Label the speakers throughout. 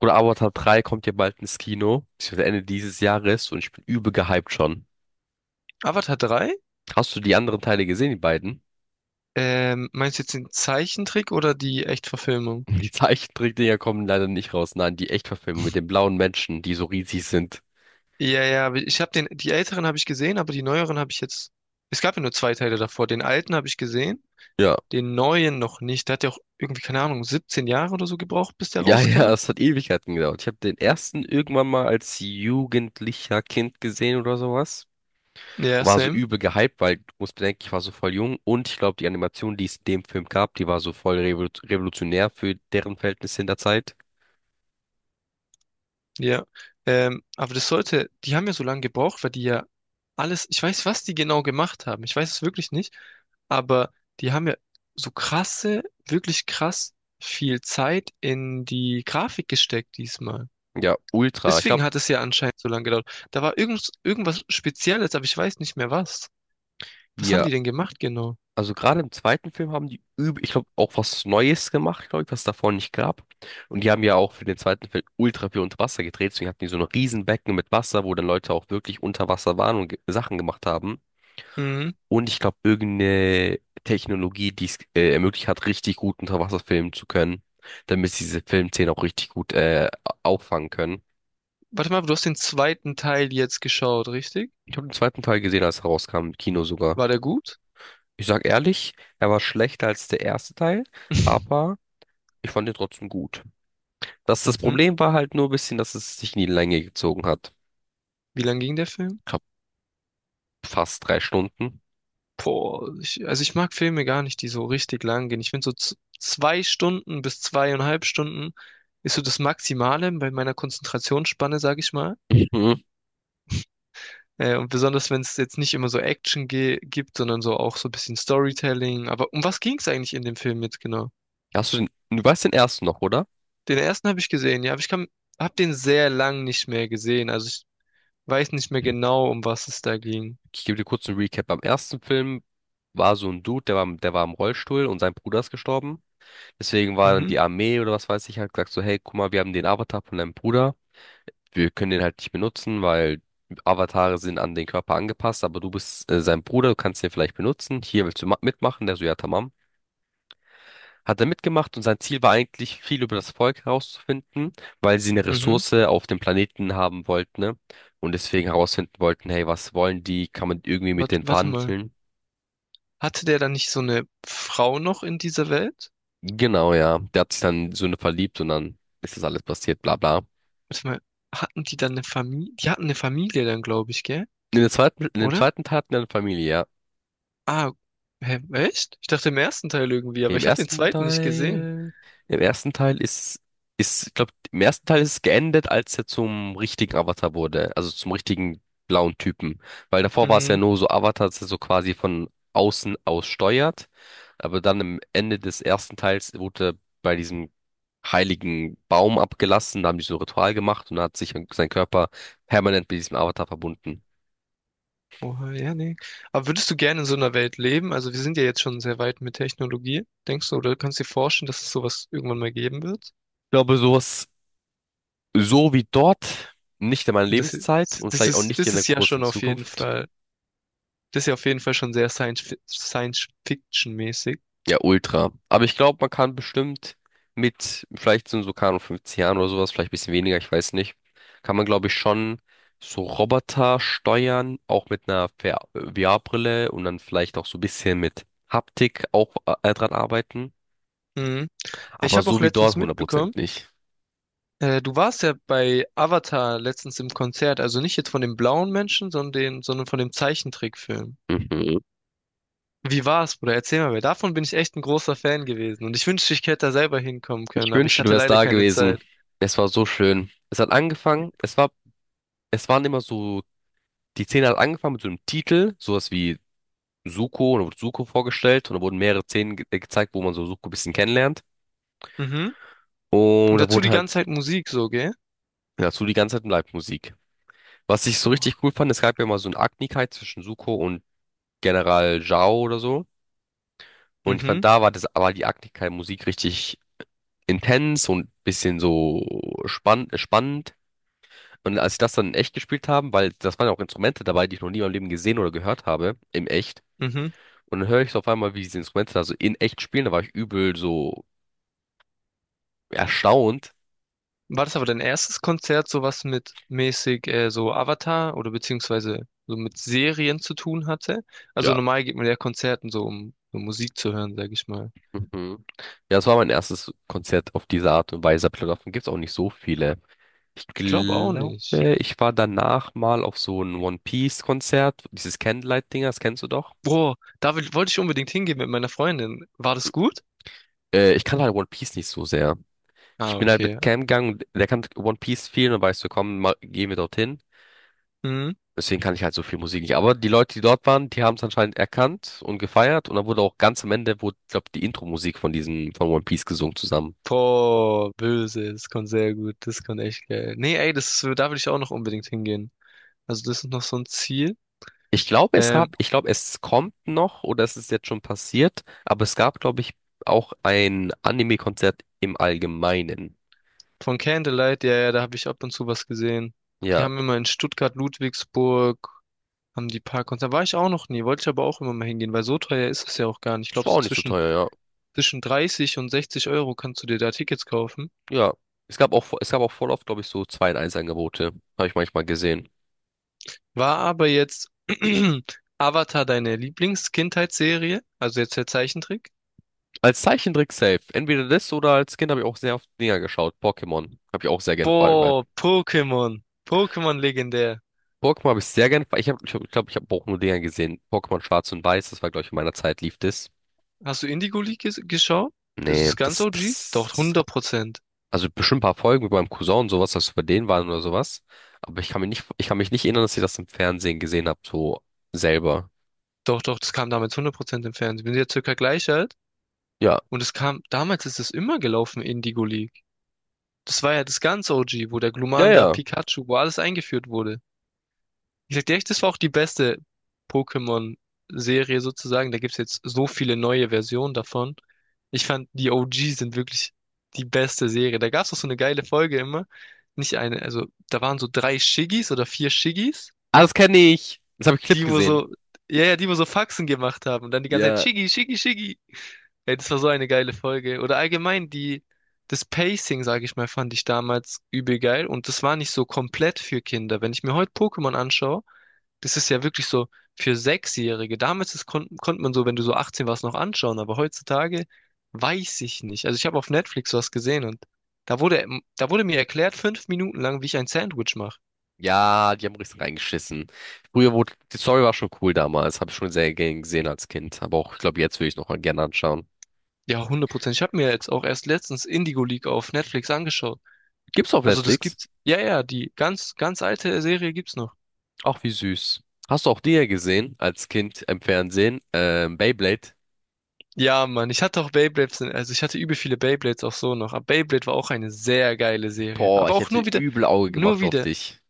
Speaker 1: Oder Avatar 3 kommt ja bald ins Kino, beziehungsweise Ende dieses Jahres und ich bin übel gehypt schon.
Speaker 2: Avatar drei?
Speaker 1: Hast du die anderen Teile gesehen, die beiden?
Speaker 2: Meinst du jetzt den Zeichentrick oder die Echtverfilmung?
Speaker 1: Die Zeichentrickdinger kommen leider nicht raus. Nein, die Echtverfilmung mit den blauen Menschen, die so riesig sind.
Speaker 2: Ja, ja, aber ich habe den, die älteren habe ich gesehen, aber die neueren habe ich jetzt. Es gab ja nur zwei Teile davor. Den alten habe ich gesehen,
Speaker 1: Ja.
Speaker 2: den neuen noch nicht. Der hat ja auch irgendwie, keine Ahnung, 17 Jahre oder so gebraucht, bis der
Speaker 1: Ja, ja,
Speaker 2: rauskam.
Speaker 1: es hat Ewigkeiten gedauert. Ich habe den ersten irgendwann mal als jugendlicher Kind gesehen oder sowas.
Speaker 2: Ja,
Speaker 1: War so
Speaker 2: same.
Speaker 1: übel gehypt, weil du musst bedenken, ich war so voll jung und ich glaube, die Animation, die es in dem Film gab, die war so voll revolutionär für deren Verhältnisse in der Zeit.
Speaker 2: Ja, aber das sollte, die haben ja so lange gebraucht, weil die ja alles, ich weiß, was die genau gemacht haben, ich weiß es wirklich nicht, aber die haben ja so krasse, wirklich krass viel Zeit in die Grafik gesteckt diesmal.
Speaker 1: Ja, ultra. Ich
Speaker 2: Deswegen
Speaker 1: glaube,
Speaker 2: hat es ja anscheinend so lange gedauert. Da war irgendwas Spezielles, aber ich weiß nicht mehr was. Was haben
Speaker 1: hier.
Speaker 2: die denn gemacht genau?
Speaker 1: Also gerade im zweiten Film haben die, ich glaube, auch was Neues gemacht, glaube ich, was davor nicht gab. Und die haben ja auch für den zweiten Film ultra viel unter Wasser gedreht. Deswegen hatten die so ein Riesenbecken mit Wasser, wo dann Leute auch wirklich unter Wasser waren und Sachen gemacht haben.
Speaker 2: Mhm.
Speaker 1: Und ich glaube, irgendeine Technologie, die es ermöglicht hat, richtig gut unter Wasser filmen zu können, damit sie diese Filmszenen auch richtig gut auffangen können.
Speaker 2: Warte mal, du hast den zweiten Teil jetzt geschaut, richtig?
Speaker 1: Ich habe den zweiten Teil gesehen, als er rauskam, im Kino sogar.
Speaker 2: War der gut?
Speaker 1: Ich sag ehrlich, er war schlechter als der erste Teil, aber ich fand ihn trotzdem gut. Das
Speaker 2: Mhm.
Speaker 1: Problem war halt nur ein bisschen, dass es sich in die Länge gezogen hat.
Speaker 2: Wie lang ging der Film?
Speaker 1: Ich hab fast 3 Stunden.
Speaker 2: Boah, ich, also ich mag Filme gar nicht, die so richtig lang gehen. Ich finde so 2 Stunden bis 2,5 Stunden ist so das Maximale bei meiner Konzentrationsspanne, sag ich mal.
Speaker 1: Mhm.
Speaker 2: Und besonders, wenn es jetzt nicht immer so Action ge gibt, sondern so auch so ein bisschen Storytelling. Aber um was ging es eigentlich in dem Film jetzt genau?
Speaker 1: Hast du den, du weißt den ersten noch, oder?
Speaker 2: Den ersten habe ich gesehen, ja, aber ich kann, habe den sehr lang nicht mehr gesehen. Also ich weiß nicht mehr genau, um was es da ging.
Speaker 1: Ich gebe dir kurz einen Recap. Beim ersten Film war so ein Dude, der war, der war im Rollstuhl und sein Bruder ist gestorben. Deswegen war dann
Speaker 2: Mhm,
Speaker 1: die Armee oder was weiß ich, hat gesagt so: hey, guck mal, wir haben den Avatar von deinem Bruder. Wir können den halt nicht benutzen, weil Avatare sind an den Körper angepasst, aber du bist sein Bruder, du kannst den vielleicht benutzen. Hier, willst du mitmachen? Der so: ja, tamam, hat er mitgemacht und sein Ziel war eigentlich, viel über das Volk herauszufinden, weil sie eine
Speaker 2: mhm.
Speaker 1: Ressource auf dem Planeten haben wollten, ne? Und deswegen herausfinden wollten, hey, was wollen die? Kann man irgendwie mit
Speaker 2: Warte,
Speaker 1: denen
Speaker 2: warte mal.
Speaker 1: verhandeln?
Speaker 2: Hatte der dann nicht so eine Frau noch in dieser Welt?
Speaker 1: Genau, ja. Der hat sich dann in so eine verliebt und dann ist das alles passiert, bla bla.
Speaker 2: Warte mal, hatten die dann eine Familie? Die hatten eine Familie dann, glaube ich, gell?
Speaker 1: In der zweiten, in dem
Speaker 2: Oder?
Speaker 1: zweiten Teil hatten wir eine Familie, ja.
Speaker 2: Ah, hä, echt? Ich dachte im ersten Teil irgendwie,
Speaker 1: Nee,
Speaker 2: aber
Speaker 1: Im
Speaker 2: ich habe den
Speaker 1: ersten
Speaker 2: zweiten nicht gesehen.
Speaker 1: Teil, im ersten Teil ich glaube, im ersten Teil ist es geendet, als er zum richtigen Avatar wurde, also zum richtigen blauen Typen. Weil davor war es ja
Speaker 2: Hm,
Speaker 1: nur so Avatar, dass er so quasi von außen aus steuert. Aber dann am Ende des ersten Teils wurde er bei diesem heiligen Baum abgelassen, da haben die so ein Ritual gemacht und da hat sich sein Körper permanent mit diesem Avatar verbunden.
Speaker 2: oh, ja, nee. Aber würdest du gerne in so einer Welt leben? Also wir sind ja jetzt schon sehr weit mit Technologie, denkst du? Oder kannst du dir vorstellen, dass es sowas irgendwann mal geben wird?
Speaker 1: Ich glaube, sowas, so wie dort, nicht in meiner
Speaker 2: Ja,
Speaker 1: Lebenszeit und vielleicht auch nicht in
Speaker 2: das
Speaker 1: der
Speaker 2: ist ja
Speaker 1: großen
Speaker 2: schon auf jeden
Speaker 1: Zukunft.
Speaker 2: Fall, das ist ja auf jeden Fall schon sehr Science-Fiction-mäßig.
Speaker 1: Ja, ultra. Aber ich glaube, man kann bestimmt mit, vielleicht sind so, keine Ahnung, 50 Jahren oder sowas, vielleicht ein bisschen weniger, ich weiß nicht, kann man, glaube ich, schon so Roboter steuern, auch mit einer VR VR-Brille und dann vielleicht auch so ein bisschen mit Haptik auch dran arbeiten.
Speaker 2: Mhm. Ich
Speaker 1: Aber
Speaker 2: habe auch
Speaker 1: so wie dort
Speaker 2: letztens mitbekommen,
Speaker 1: 100% nicht.
Speaker 2: Du warst ja bei Avatar letztens im Konzert, also nicht jetzt von dem blauen Menschen, sondern von dem Zeichentrickfilm.
Speaker 1: Mhm.
Speaker 2: Wie war's, Bruder? Erzähl mal, weil davon bin ich echt ein großer Fan gewesen. Und ich wünschte, ich hätte da selber hinkommen
Speaker 1: Ich
Speaker 2: können, aber ich
Speaker 1: wünschte, du
Speaker 2: hatte
Speaker 1: wärst
Speaker 2: leider
Speaker 1: da
Speaker 2: keine
Speaker 1: gewesen.
Speaker 2: Zeit.
Speaker 1: Es war so schön. Es hat angefangen, es war, es waren immer so, die Szene hat angefangen mit so einem Titel, sowas wie Suko, da wurde Suko vorgestellt und da wurden mehrere Szenen ge gezeigt, wo man so Suko ein bisschen kennenlernt.
Speaker 2: Mhm.
Speaker 1: Und
Speaker 2: Und
Speaker 1: da
Speaker 2: dazu
Speaker 1: wurden
Speaker 2: die ganze
Speaker 1: halt
Speaker 2: Zeit Musik so, gell?
Speaker 1: dazu die ganze Zeit Live-Musik. Was ich so richtig
Speaker 2: Boah.
Speaker 1: cool fand, es gab ja mal so eine Agnigkeit zwischen Suko und General Zhao oder so. Und ich fand,
Speaker 2: Mhm.
Speaker 1: da war das, war die Agnigkeit-Musik richtig intens und bisschen so spannend. Und als ich das dann in echt gespielt haben, weil das waren ja auch Instrumente dabei, die ich noch nie in meinem Leben gesehen oder gehört habe, im echt.
Speaker 2: Mhm.
Speaker 1: Und dann höre ich so auf einmal, wie diese Instrumente da so in echt spielen, da war ich übel so erstaunt.
Speaker 2: War das aber dein erstes Konzert, so was mit mäßig so Avatar oder beziehungsweise so mit Serien zu tun hatte? Also
Speaker 1: Ja.
Speaker 2: normal geht man ja Konzerten so, um so Musik zu hören, sag ich mal.
Speaker 1: Mhm. Ja, das war mein erstes Konzert auf diese Art und Weise. Aber davon gibt es auch nicht so viele. Ich
Speaker 2: Ich glaube auch
Speaker 1: glaube,
Speaker 2: nicht.
Speaker 1: ich war danach mal auf so ein One Piece-Konzert, dieses Candlelight-Ding, das kennst du doch.
Speaker 2: Boah, wollte ich unbedingt hingehen mit meiner Freundin. War das gut?
Speaker 1: Ich kann halt One Piece nicht so sehr. Ich
Speaker 2: Ah,
Speaker 1: bin halt
Speaker 2: okay.
Speaker 1: mit Cam gegangen, und der kann One Piece viel und weißt du, komm, mal, gehen wir dorthin.
Speaker 2: Mhm.
Speaker 1: Deswegen kann ich halt so viel Musik nicht. Aber die Leute, die dort waren, die haben es anscheinend erkannt und gefeiert. Und dann wurde auch ganz am Ende, wurde, glaube, die Intro-Musik von diesem, von One Piece gesungen zusammen.
Speaker 2: Boah, böse, das kommt sehr gut, das kommt echt geil. Nee, ey, da will ich auch noch unbedingt hingehen. Also das ist noch so ein Ziel.
Speaker 1: Ich glaube, es gab,
Speaker 2: Ähm,
Speaker 1: ich glaube, es kommt noch oder es ist jetzt schon passiert, aber es gab, glaube ich, auch ein Anime-Konzert im Allgemeinen.
Speaker 2: von Candlelight, ja, ja, da habe ich ab und zu was gesehen. Die
Speaker 1: Ja,
Speaker 2: haben immer in Stuttgart, Ludwigsburg, haben die paar Konzerte. War ich auch noch nie, wollte ich aber auch immer mal hingehen, weil so teuer ist es ja auch gar nicht. Ich
Speaker 1: es
Speaker 2: glaube,
Speaker 1: war auch
Speaker 2: so
Speaker 1: nicht so teuer,
Speaker 2: zwischen 30 und 60 € kannst du dir da Tickets kaufen.
Speaker 1: ja. Ja, es gab auch voll oft, glaube ich, so zwei in 1 angebote habe ich manchmal gesehen.
Speaker 2: War aber jetzt Avatar deine Lieblings-Kindheitsserie? Also jetzt der Zeichentrick?
Speaker 1: Als Zeichentrick safe. Entweder das oder als Kind habe ich auch sehr oft Dinger geschaut. Pokémon habe ich auch sehr gern verallgemeinert.
Speaker 2: Boah, Pokémon. Pokémon legendär.
Speaker 1: Pokémon habe ich sehr gern, ich habe, ich glaube, ich, ich habe auch nur Dinger gesehen. Pokémon Schwarz und Weiß, das war, glaube ich, in meiner Zeit lief das.
Speaker 2: Hast du Indigo League geschaut? Das
Speaker 1: Nee,
Speaker 2: ist ganz
Speaker 1: das,
Speaker 2: OG?
Speaker 1: das,
Speaker 2: Doch,
Speaker 1: das.
Speaker 2: 100%.
Speaker 1: Also bestimmt ein paar Folgen mit meinem Cousin und sowas, dass wir bei denen waren oder sowas. Aber ich kann mich nicht erinnern, dass ich das im Fernsehen gesehen habe, so selber.
Speaker 2: Doch, doch, das kam damals 100% im Fernsehen. Wir sind ja circa gleich alt.
Speaker 1: Ja.
Speaker 2: Und es kam, damals ist es immer gelaufen, Indigo League. Das war ja das ganz OG, wo der
Speaker 1: Ja,
Speaker 2: Glumanda,
Speaker 1: ja.
Speaker 2: Pikachu, wo alles eingeführt wurde. Ich sag dir echt, das war auch die beste Pokémon-Serie sozusagen. Da gibt's jetzt so viele neue Versionen davon. Ich fand, die OG sind wirklich die beste Serie. Da gab's auch so eine geile Folge immer. Nicht eine, also da waren so drei Shiggies oder vier Shiggies,
Speaker 1: Ah, das kenne ich. Das habe ich Clip
Speaker 2: die wo
Speaker 1: gesehen.
Speaker 2: so, ja, ja, die wo so Faxen gemacht haben und dann die ganze Zeit
Speaker 1: Ja.
Speaker 2: Shiggy, Shiggy, Shiggy. Ey, das war so eine geile Folge. Oder allgemein die, das Pacing, sage ich mal, fand ich damals übel geil und das war nicht so komplett für Kinder. Wenn ich mir heute Pokémon anschaue, das ist ja wirklich so für Sechsjährige. Damals ist, konnte man so, wenn du so 18 warst, noch anschauen, aber heutzutage weiß ich nicht. Also ich habe auf Netflix was gesehen und da wurde mir erklärt, 5 Minuten lang, wie ich ein Sandwich mache.
Speaker 1: Ja, die haben richtig reingeschissen. Früher wurde, die Story war schon cool damals. Habe ich schon sehr gern gesehen als Kind. Aber auch, ich glaube, jetzt würde ich noch mal gerne anschauen.
Speaker 2: Ja, 100%. Ich habe mir jetzt auch erst letztens Indigo League auf Netflix angeschaut.
Speaker 1: Gibt's auf
Speaker 2: Also das
Speaker 1: Netflix?
Speaker 2: gibt's, ja, ja, die ganz, ganz alte Serie gibt's noch.
Speaker 1: Ach, wie süß. Hast du auch die ja gesehen als Kind im Fernsehen? Beyblade?
Speaker 2: Ja, Mann, ich hatte auch Beyblades, also ich hatte übel viele Beyblades auch so noch. Aber Beyblade war auch eine sehr geile Serie.
Speaker 1: Boah,
Speaker 2: Aber
Speaker 1: ich
Speaker 2: auch
Speaker 1: hätte
Speaker 2: nur wieder,
Speaker 1: übel Auge
Speaker 2: nur
Speaker 1: gemacht auf
Speaker 2: wieder.
Speaker 1: dich.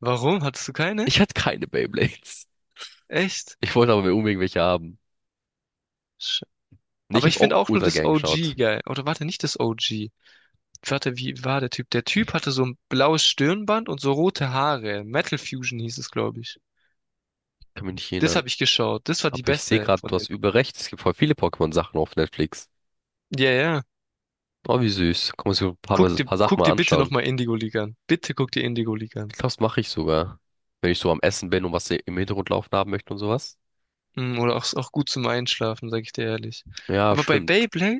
Speaker 2: Warum? Hattest du keine?
Speaker 1: Ich hatte keine Beyblades.
Speaker 2: Echt?
Speaker 1: Ich wollte aber unbedingt welche haben.
Speaker 2: Sch-
Speaker 1: Nee, ich
Speaker 2: Aber
Speaker 1: hab's
Speaker 2: ich
Speaker 1: auch
Speaker 2: finde auch nur
Speaker 1: ultra
Speaker 2: das
Speaker 1: gern
Speaker 2: OG
Speaker 1: geschaut.
Speaker 2: geil. Oder warte, nicht das OG. Warte, wie war der Typ? Der Typ hatte so ein blaues Stirnband und so rote Haare. Metal Fusion hieß es, glaube ich.
Speaker 1: Kann mich nicht
Speaker 2: Das
Speaker 1: erinnern.
Speaker 2: habe ich geschaut. Das war die
Speaker 1: Aber ich sehe
Speaker 2: beste
Speaker 1: gerade,
Speaker 2: von
Speaker 1: du hast
Speaker 2: den.
Speaker 1: übel recht. Es gibt voll viele Pokémon-Sachen auf Netflix.
Speaker 2: Ja, ja.
Speaker 1: Oh, wie süß. Kann man sich so ein paar, Mal,
Speaker 2: Guck
Speaker 1: ein
Speaker 2: dir,
Speaker 1: paar Sachen
Speaker 2: guck
Speaker 1: mal
Speaker 2: dir bitte
Speaker 1: anschauen.
Speaker 2: nochmal Indigo League an. Bitte guck dir Indigo League
Speaker 1: Ich
Speaker 2: an.
Speaker 1: glaube, das mache ich sogar. Wenn ich so am Essen bin und was im Hintergrund laufen haben möchte und sowas.
Speaker 2: Oder auch gut zum Einschlafen, sag ich dir ehrlich.
Speaker 1: Ja,
Speaker 2: Aber bei
Speaker 1: stimmt.
Speaker 2: Beyblade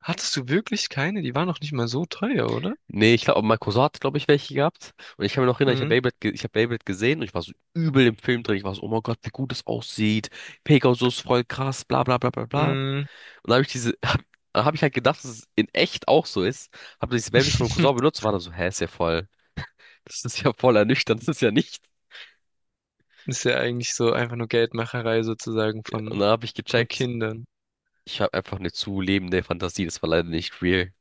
Speaker 2: hattest du wirklich keine? Die waren noch nicht mal so teuer, oder?
Speaker 1: Nee, ich glaube, mein Cousin hat, glaube ich, welche gehabt. Und ich kann mir noch erinnern, ich habe
Speaker 2: Mm,
Speaker 1: Beyblade, ge ich hab Beyblade gesehen und ich war so übel im Film drin. Ich war so, oh mein Gott, wie gut es aussieht. Pegasus, voll krass, bla bla bla bla bla. Und
Speaker 2: mm.
Speaker 1: dann habe ich diese, dann hab ich halt gedacht, dass es in echt auch so ist. Habe dieses Babyliss von meinem Cousin benutzt und war dann so, hä, ist ja voll, das ist ja voll ernüchternd, das ist ja nicht.
Speaker 2: Ist ja eigentlich so einfach nur Geldmacherei sozusagen
Speaker 1: Und
Speaker 2: von,
Speaker 1: dann habe ich
Speaker 2: von
Speaker 1: gecheckt,
Speaker 2: Kindern.
Speaker 1: ich habe einfach eine zu lebende Fantasie, das war leider nicht real.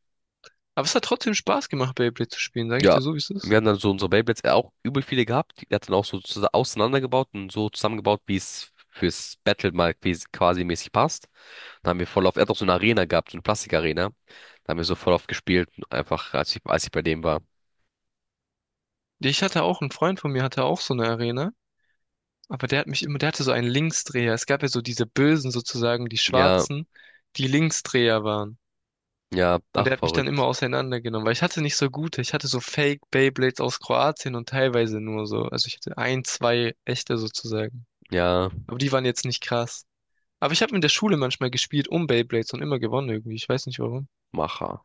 Speaker 2: Aber es hat trotzdem Spaß gemacht, Beyblade zu spielen, sage ich
Speaker 1: Ja,
Speaker 2: dir so, wie es ist.
Speaker 1: wir haben dann so unsere Beyblades auch übel viele gehabt. Die hat dann auch so auseinandergebaut und so zusammengebaut, wie es fürs Battle mal quasi mäßig passt. Dann haben wir voll auf, er hat auch so eine Arena gehabt, so eine Plastikarena. Da haben wir so voll auf gespielt, einfach als ich bei dem war.
Speaker 2: Ich hatte auch, ein Freund von mir hatte auch so eine Arena, aber der hat mich immer, der hatte so einen Linksdreher. Es gab ja so diese Bösen sozusagen, die
Speaker 1: Ja,
Speaker 2: Schwarzen, die Linksdreher waren.
Speaker 1: ja,
Speaker 2: Und
Speaker 1: ach,
Speaker 2: der hat mich dann immer
Speaker 1: verrückt.
Speaker 2: auseinandergenommen, weil ich hatte nicht so gute. Ich hatte so Fake Beyblades aus Kroatien und teilweise nur so. Also ich hatte ein, zwei echte sozusagen.
Speaker 1: Ja.
Speaker 2: Aber die waren jetzt nicht krass. Aber ich habe in der Schule manchmal gespielt um Beyblades und immer gewonnen irgendwie. Ich weiß nicht warum.
Speaker 1: macher